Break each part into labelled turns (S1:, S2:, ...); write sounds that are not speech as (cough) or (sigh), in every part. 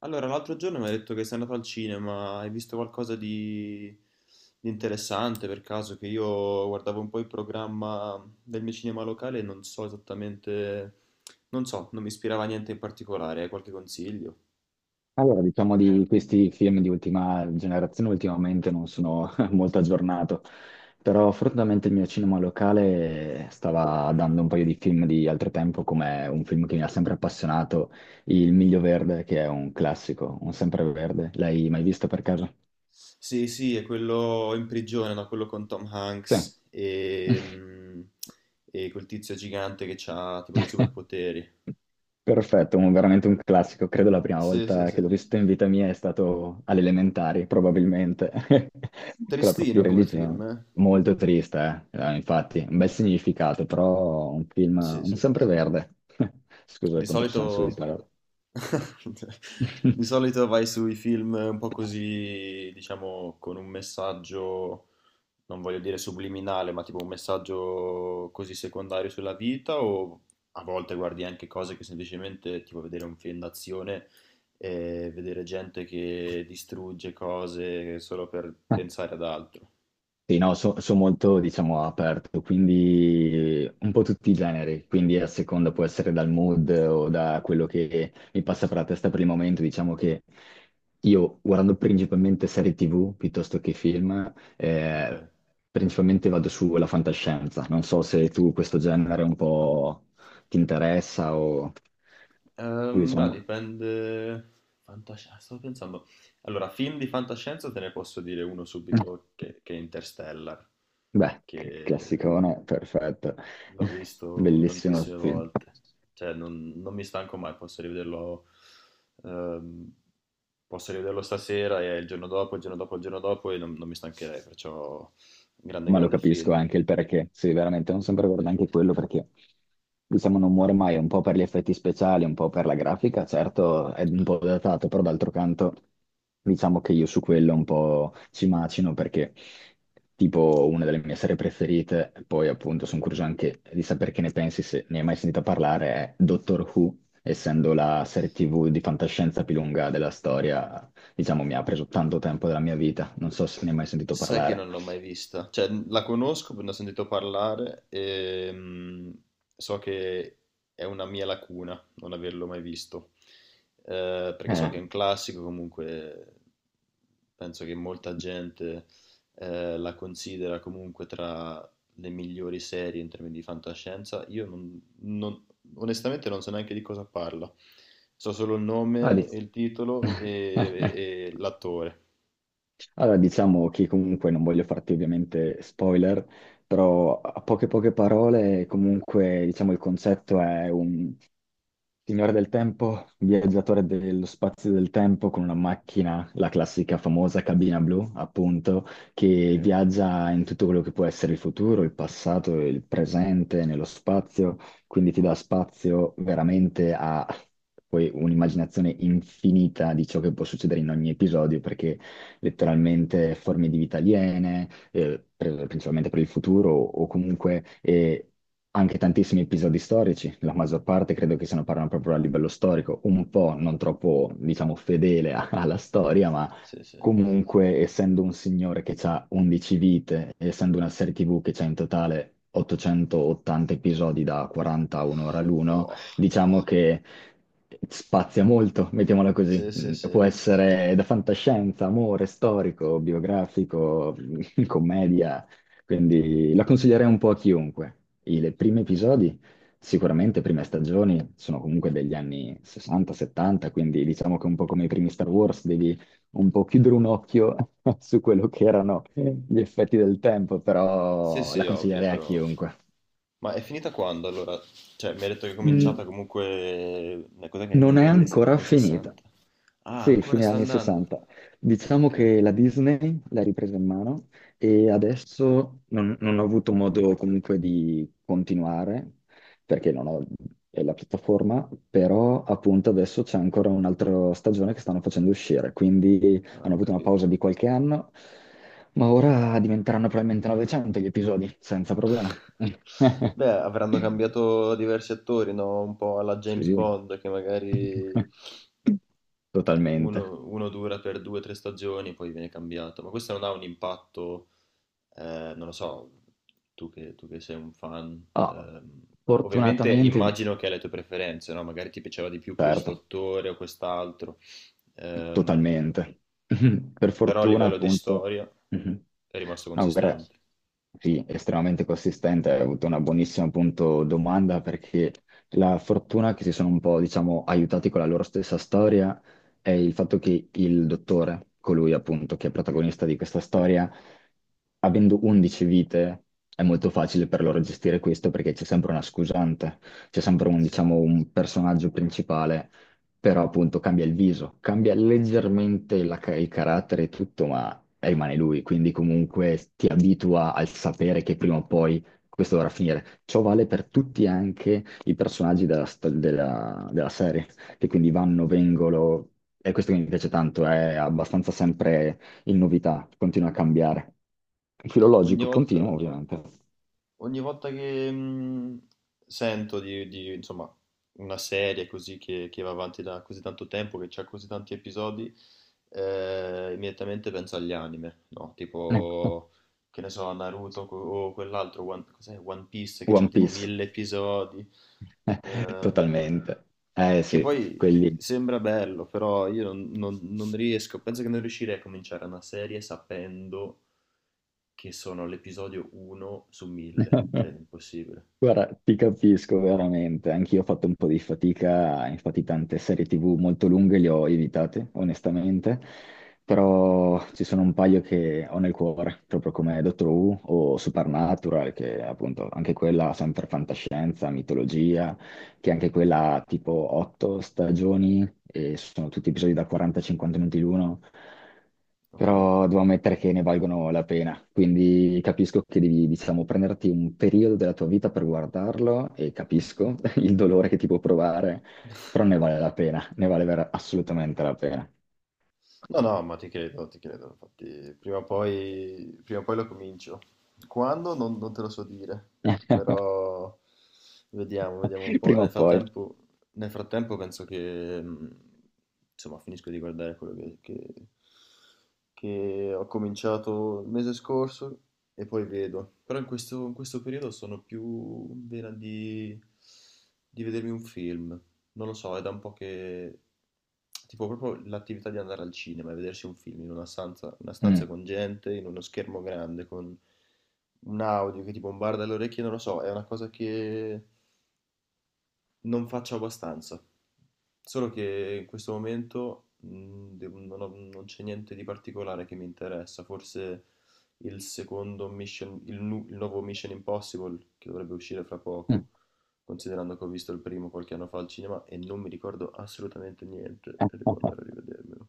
S1: Allora, l'altro giorno mi hai detto che sei andato al cinema, hai visto qualcosa di interessante per caso? Che io guardavo un po' il programma del mio cinema locale e non so esattamente, non so, non mi ispirava a niente in particolare, hai qualche consiglio?
S2: Allora, diciamo di questi film di ultima generazione ultimamente non sono (laughs) molto aggiornato, però fortunatamente il mio cinema locale stava dando un paio di film di altro tempo, come un film che mi ha sempre appassionato, Il Miglio Verde, che è un classico, un sempreverde. L'hai mai visto per caso?
S1: Sì, sì, è quello in prigione, no? Quello con Tom
S2: Sì.
S1: Hanks e quel tizio gigante che ha tipo dei
S2: (laughs)
S1: superpoteri.
S2: Perfetto, veramente un classico. Credo la prima
S1: Sì, sì,
S2: volta
S1: sì.
S2: che l'ho visto in vita mia è stato alle elementari, probabilmente, (laughs) con la prof di
S1: Tristino come
S2: religione.
S1: film, eh?
S2: Molto triste, eh. Infatti, un bel significato, però un film,
S1: Sì,
S2: un
S1: sì.
S2: sempreverde. (laughs) Scusa il
S1: Di solito
S2: controsenso di parola.
S1: (laughs) di solito vai sui film un po'
S2: (laughs)
S1: così, diciamo, con un messaggio, non voglio dire subliminale, ma tipo un messaggio così secondario sulla vita, o a volte guardi anche cose che semplicemente, tipo vedere un film d'azione e vedere gente che distrugge cose solo per pensare ad altro.
S2: Sì, no, sono molto, diciamo, aperto, quindi un po' tutti i generi, quindi a seconda può essere dal mood o da quello che mi passa per la testa per il momento, diciamo che io guardando principalmente serie TV piuttosto che film,
S1: Ok.
S2: principalmente vado sulla fantascienza, non so se tu questo genere un po' ti interessa o o
S1: Beh,
S2: diciamo...
S1: dipende. Stavo pensando. Allora, film di fantascienza te ne posso dire uno subito che è Interstellar,
S2: Beh,
S1: che
S2: classicone, perfetto,
S1: l'ho
S2: (laughs)
S1: visto
S2: bellissimo
S1: tantissime
S2: film.
S1: volte. Cioè, non mi stanco mai, posso rivederlo. ehm, Posso rivederlo stasera e il giorno dopo, il giorno dopo, il giorno dopo e non mi stancherei, perciò grande,
S2: Ma lo
S1: grande
S2: capisco
S1: film.
S2: anche il perché. Sì, veramente, non sempre guardo anche quello perché, diciamo, non muore mai, un po' per gli effetti speciali, un po' per la grafica, certo è un po' datato, però d'altro canto diciamo che io su quello un po' ci macino perché tipo una delle mie serie preferite, poi appunto sono curioso anche di sapere che ne pensi, se ne hai mai sentito parlare, è Doctor Who, essendo la serie TV di fantascienza più lunga della storia, diciamo mi ha preso tanto tempo della mia vita, non so se ne hai mai sentito
S1: Sai che
S2: parlare.
S1: non l'ho mai vista, cioè la conosco, ne ho sentito parlare e so che è una mia lacuna non averlo mai visto, perché so
S2: Eh.
S1: che è un classico, comunque penso che molta gente la considera comunque tra le migliori serie in termini di fantascienza. Io onestamente non so neanche di cosa parla, so solo il
S2: Ah,
S1: nome, il titolo e,
S2: (laughs)
S1: e l'attore.
S2: Allora, diciamo che comunque non voglio farti ovviamente spoiler, però a poche parole, comunque, diciamo, il concetto è Signore del tempo, viaggiatore dello spazio e del tempo con una macchina, la classica famosa cabina blu, appunto,
S1: Ok,
S2: che viaggia in tutto quello che può essere il futuro, il passato, e il presente, nello spazio, quindi ti dà spazio veramente a poi un'immaginazione infinita di ciò che può succedere in ogni episodio, perché letteralmente forme di vita aliene principalmente per il futuro o comunque anche tantissimi episodi storici, la maggior parte credo che se ne parlano proprio a livello storico, un po' non troppo, diciamo, fedele alla storia, ma
S1: sì, sì.
S2: comunque essendo un signore che ha 11 vite, essendo una serie TV che ha in totale 880 episodi da 40 a un'ora l'uno,
S1: Wow.
S2: diciamo che spazia molto, mettiamola così.
S1: Sì, sì,
S2: Può
S1: sì.
S2: essere da fantascienza, amore, storico, biografico, (laughs) commedia, quindi la consiglierei un po' a chiunque. I le primi episodi, sicuramente, prime stagioni, sono comunque degli anni 60-70, quindi diciamo che un po' come i primi Star Wars devi un po' chiudere un occhio (laughs) su quello che erano gli effetti del tempo,
S1: Sì,
S2: però la
S1: sì, ovvio,
S2: consiglierei a
S1: però.
S2: chiunque.
S1: Ma è finita quando allora? Cioè, mi ha detto che è cominciata
S2: Mm,
S1: comunque. Una cosa che è nel-
S2: non è
S1: nei, nei se-
S2: ancora
S1: nei
S2: finita.
S1: 60. Ah,
S2: Sì,
S1: ancora
S2: fine
S1: sta
S2: anni
S1: andando.
S2: 60. Diciamo
S1: Ok,
S2: che la Disney l'ha ripresa in mano e adesso non ho avuto modo comunque di continuare perché non ho è la piattaforma, però appunto adesso c'è ancora un'altra stagione che stanno facendo uscire, quindi
S1: ah,
S2: hanno
S1: ho
S2: avuto una pausa
S1: capito.
S2: di qualche anno, ma ora diventeranno probabilmente 900 gli episodi, senza problema.
S1: (laughs) Beh, avranno
S2: (laughs)
S1: cambiato diversi attori, no? Un po' alla James
S2: Sì.
S1: Bond, che magari
S2: (laughs) Totalmente.
S1: uno dura per due o tre stagioni, poi viene cambiato, ma questo non ha un impatto, non lo so, tu che sei un fan,
S2: Ah,
S1: ovviamente
S2: fortunatamente,
S1: immagino che hai le tue preferenze, no? Magari ti piaceva di più questo
S2: certo,
S1: attore o quest'altro, ehm,
S2: totalmente. (laughs) Per
S1: però a
S2: fortuna,
S1: livello di
S2: appunto,
S1: storia
S2: mhm.
S1: è rimasto
S2: No, guarda,
S1: consistente,
S2: sì, estremamente consistente. Hai avuto una buonissima, appunto, domanda perché la fortuna che si sono un po', diciamo, aiutati con la loro stessa storia è il fatto che il dottore, colui appunto che è protagonista di questa storia, avendo 11 vite, è molto facile per loro gestire questo perché c'è sempre una scusante, c'è sempre un,
S1: sì.
S2: diciamo, un personaggio principale però appunto cambia il viso, cambia leggermente la il carattere e tutto, ma rimane lui, quindi comunque ti abitua al sapere che prima o poi questo dovrà finire. Ciò vale per tutti anche i personaggi della, della serie, che quindi vanno, vengono, e questo che mi piace tanto, è abbastanza sempre in novità, continua a cambiare.
S1: Ogni
S2: Filologico continuo,
S1: volta...
S2: ovviamente.
S1: Ogni volta che sento di, insomma, una serie così che va avanti da così tanto tempo, che ha così tanti episodi, immediatamente penso agli anime, no? Tipo
S2: (laughs)
S1: che ne so, Naruto o quell'altro, One, cos'è? One Piece che c'ha
S2: One
S1: tipo
S2: Piece,
S1: 1.000 episodi,
S2: (laughs)
S1: ehm,
S2: totalmente. Eh
S1: che
S2: sì,
S1: poi
S2: quelli.
S1: sembra bello, però io non riesco, penso che non riuscirei a cominciare una serie sapendo che sono all'episodio 1 su 1000, cioè è
S2: (laughs)
S1: impossibile.
S2: Guarda, ti capisco veramente, anch'io ho fatto un po' di fatica, infatti tante serie TV molto lunghe le ho evitate, onestamente, però ci sono un paio che ho nel cuore, proprio come Doctor Who o Supernatural, che appunto anche quella sempre fantascienza, mitologia, che anche quella ha tipo 8 stagioni e sono tutti episodi da 40-50 minuti l'uno,
S1: Ok.
S2: però devo ammettere che ne valgono la pena. Quindi capisco che devi, diciamo, prenderti un periodo della tua vita per guardarlo e capisco (laughs) il dolore che ti può provare,
S1: (laughs)
S2: però ne vale la pena, ne vale assolutamente la pena.
S1: No, no, ma ti credo, infatti prima o poi lo comincio. Quando? Non te lo so dire,
S2: (laughs)
S1: però vediamo, vediamo un po'.
S2: Prima o
S1: Nel
S2: poi.
S1: frattempo, nel frattempo penso che, insomma, finisco di guardare quello che ho cominciato il mese scorso e poi vedo. Però in questo periodo sono più in vena di vedermi un film. Non lo so, è da un po' che. Tipo proprio l'attività di andare al cinema e vedersi un film in una stanza con gente, in uno schermo grande, con un audio che ti bombarda le orecchie, non lo so, è una cosa che non faccio abbastanza, solo che in questo momento non c'è niente di particolare che mi interessa, forse il secondo Mission, il nuovo Mission Impossible che dovrebbe uscire fra
S2: Mm.
S1: poco, considerando che ho visto il primo qualche anno fa al cinema e non mi ricordo assolutamente niente e devo andare a
S2: (laughs)
S1: rivedermelo.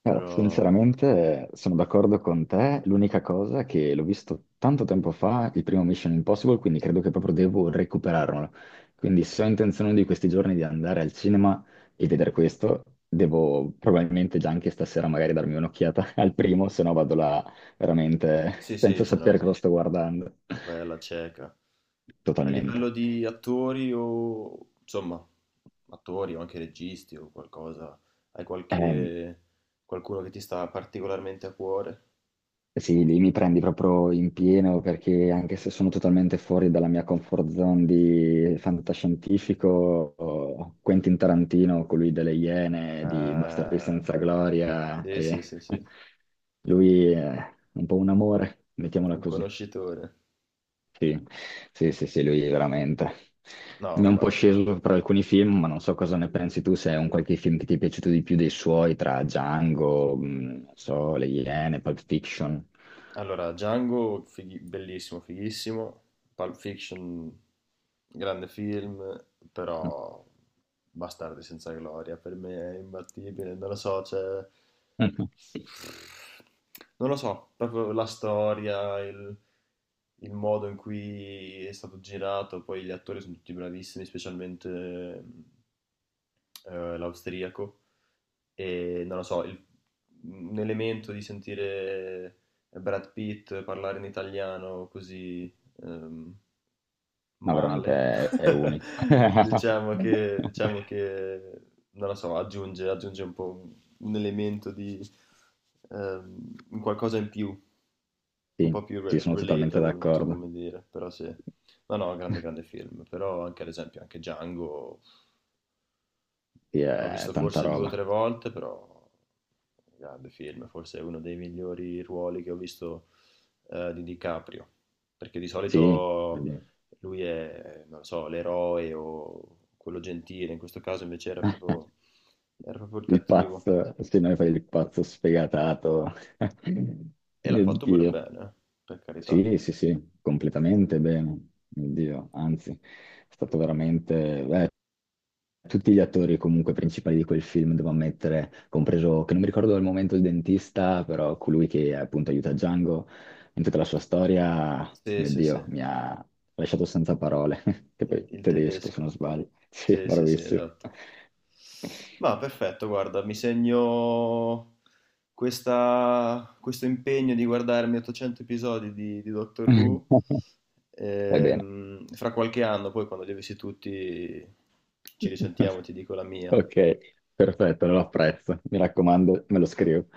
S1: Però
S2: Sinceramente sono d'accordo con te, l'unica cosa che l'ho visto tanto tempo fa, il primo Mission Impossible, quindi credo che proprio devo recuperarlo. Quindi se ho intenzione di questi giorni di andare al cinema e vedere questo, devo probabilmente già anche stasera magari darmi un'occhiata (laughs) al primo, se no vado là veramente
S1: sì, sì,
S2: senza
S1: se
S2: sapere cosa
S1: no
S2: sto guardando.
S1: vai alla cieca. A livello
S2: Totalmente.
S1: di attori o insomma, attori o anche registi o qualcosa, hai
S2: Ehm,
S1: qualche qualcuno che ti sta particolarmente a cuore?
S2: Sì, lì mi prendi proprio in pieno perché anche se sono totalmente fuori dalla mia comfort zone di fantascientifico, oh, Quentin Tarantino, colui delle Iene, di Bastardi
S1: Ah,
S2: senza gloria,
S1: sì, sì,
S2: e
S1: sì, sì,
S2: (laughs) lui è un po' un amore, mettiamola
S1: un
S2: così.
S1: conoscitore.
S2: Sì, sì, sì, sì, lui veramente.
S1: No,
S2: Mi è un po'
S1: ma
S2: sceso per alcuni film, ma non so cosa ne pensi tu, se è un qualche film che ti è piaciuto di più dei suoi, tra Django, non so, Le Iene, Pulp Fiction.
S1: allora, Django, bellissimo, fighissimo. Pulp Fiction, grande film, però Bastardi senza gloria, per me è imbattibile, non lo so, cioè.
S2: Mhm.
S1: Non lo so, proprio la storia, il modo in cui è stato girato, poi gli attori sono tutti bravissimi, specialmente l'austriaco e non lo so, un elemento di sentire Brad Pitt parlare in italiano così ehm,
S2: No,
S1: male,
S2: veramente è unico. (laughs)
S1: (laughs) diciamo che, non lo so, aggiunge un po' un elemento di un qualcosa in più, un
S2: Sì,
S1: po' più
S2: sì, sono totalmente
S1: relatable, non so
S2: d'accordo.
S1: come dire, però sì. No, no, grande, grande film, però anche ad esempio anche Django
S2: Sì,
S1: l'ho
S2: è
S1: visto
S2: tanta
S1: forse 2 o
S2: roba.
S1: 3 volte, però un grande film, forse è uno dei migliori ruoli che ho visto, di DiCaprio, perché di
S2: Sì,
S1: solito
S2: quindi-
S1: lui è, non lo so, l'eroe o quello gentile, in questo caso invece era
S2: (laughs)
S1: proprio era proprio il
S2: il
S1: cattivo
S2: pazzo, se noi fai il pazzo sfegatato. (laughs)
S1: e l'ha
S2: Mio
S1: fatto pure
S2: Dio.
S1: bene, per carità.
S2: Sì, sì, sì, completamente bene. Mio Dio, anzi, è stato veramente... tutti gli attori comunque principali di quel film, devo ammettere, compreso, che non mi ricordo al momento il dentista, però colui che appunto aiuta Django in tutta la sua storia,
S1: Sì,
S2: mio
S1: sì,
S2: Dio,
S1: sì.
S2: mi ha lasciato senza parole, (laughs) che poi
S1: il,
S2: è
S1: il
S2: tedesco se non
S1: tedesco.
S2: sbaglio. Sì,
S1: Sì, sì, sì,
S2: bravissimo.
S1: esatto. Ma perfetto, guarda, mi segno questo impegno di guardarmi 800 episodi di Doctor Who.
S2: (laughs) Vai bene.
S1: Fra qualche anno, poi quando li avessi tutti, ci risentiamo, ti
S2: (laughs)
S1: dico la mia.
S2: Ok, perfetto, lo apprezzo. Mi raccomando, me lo scrivo.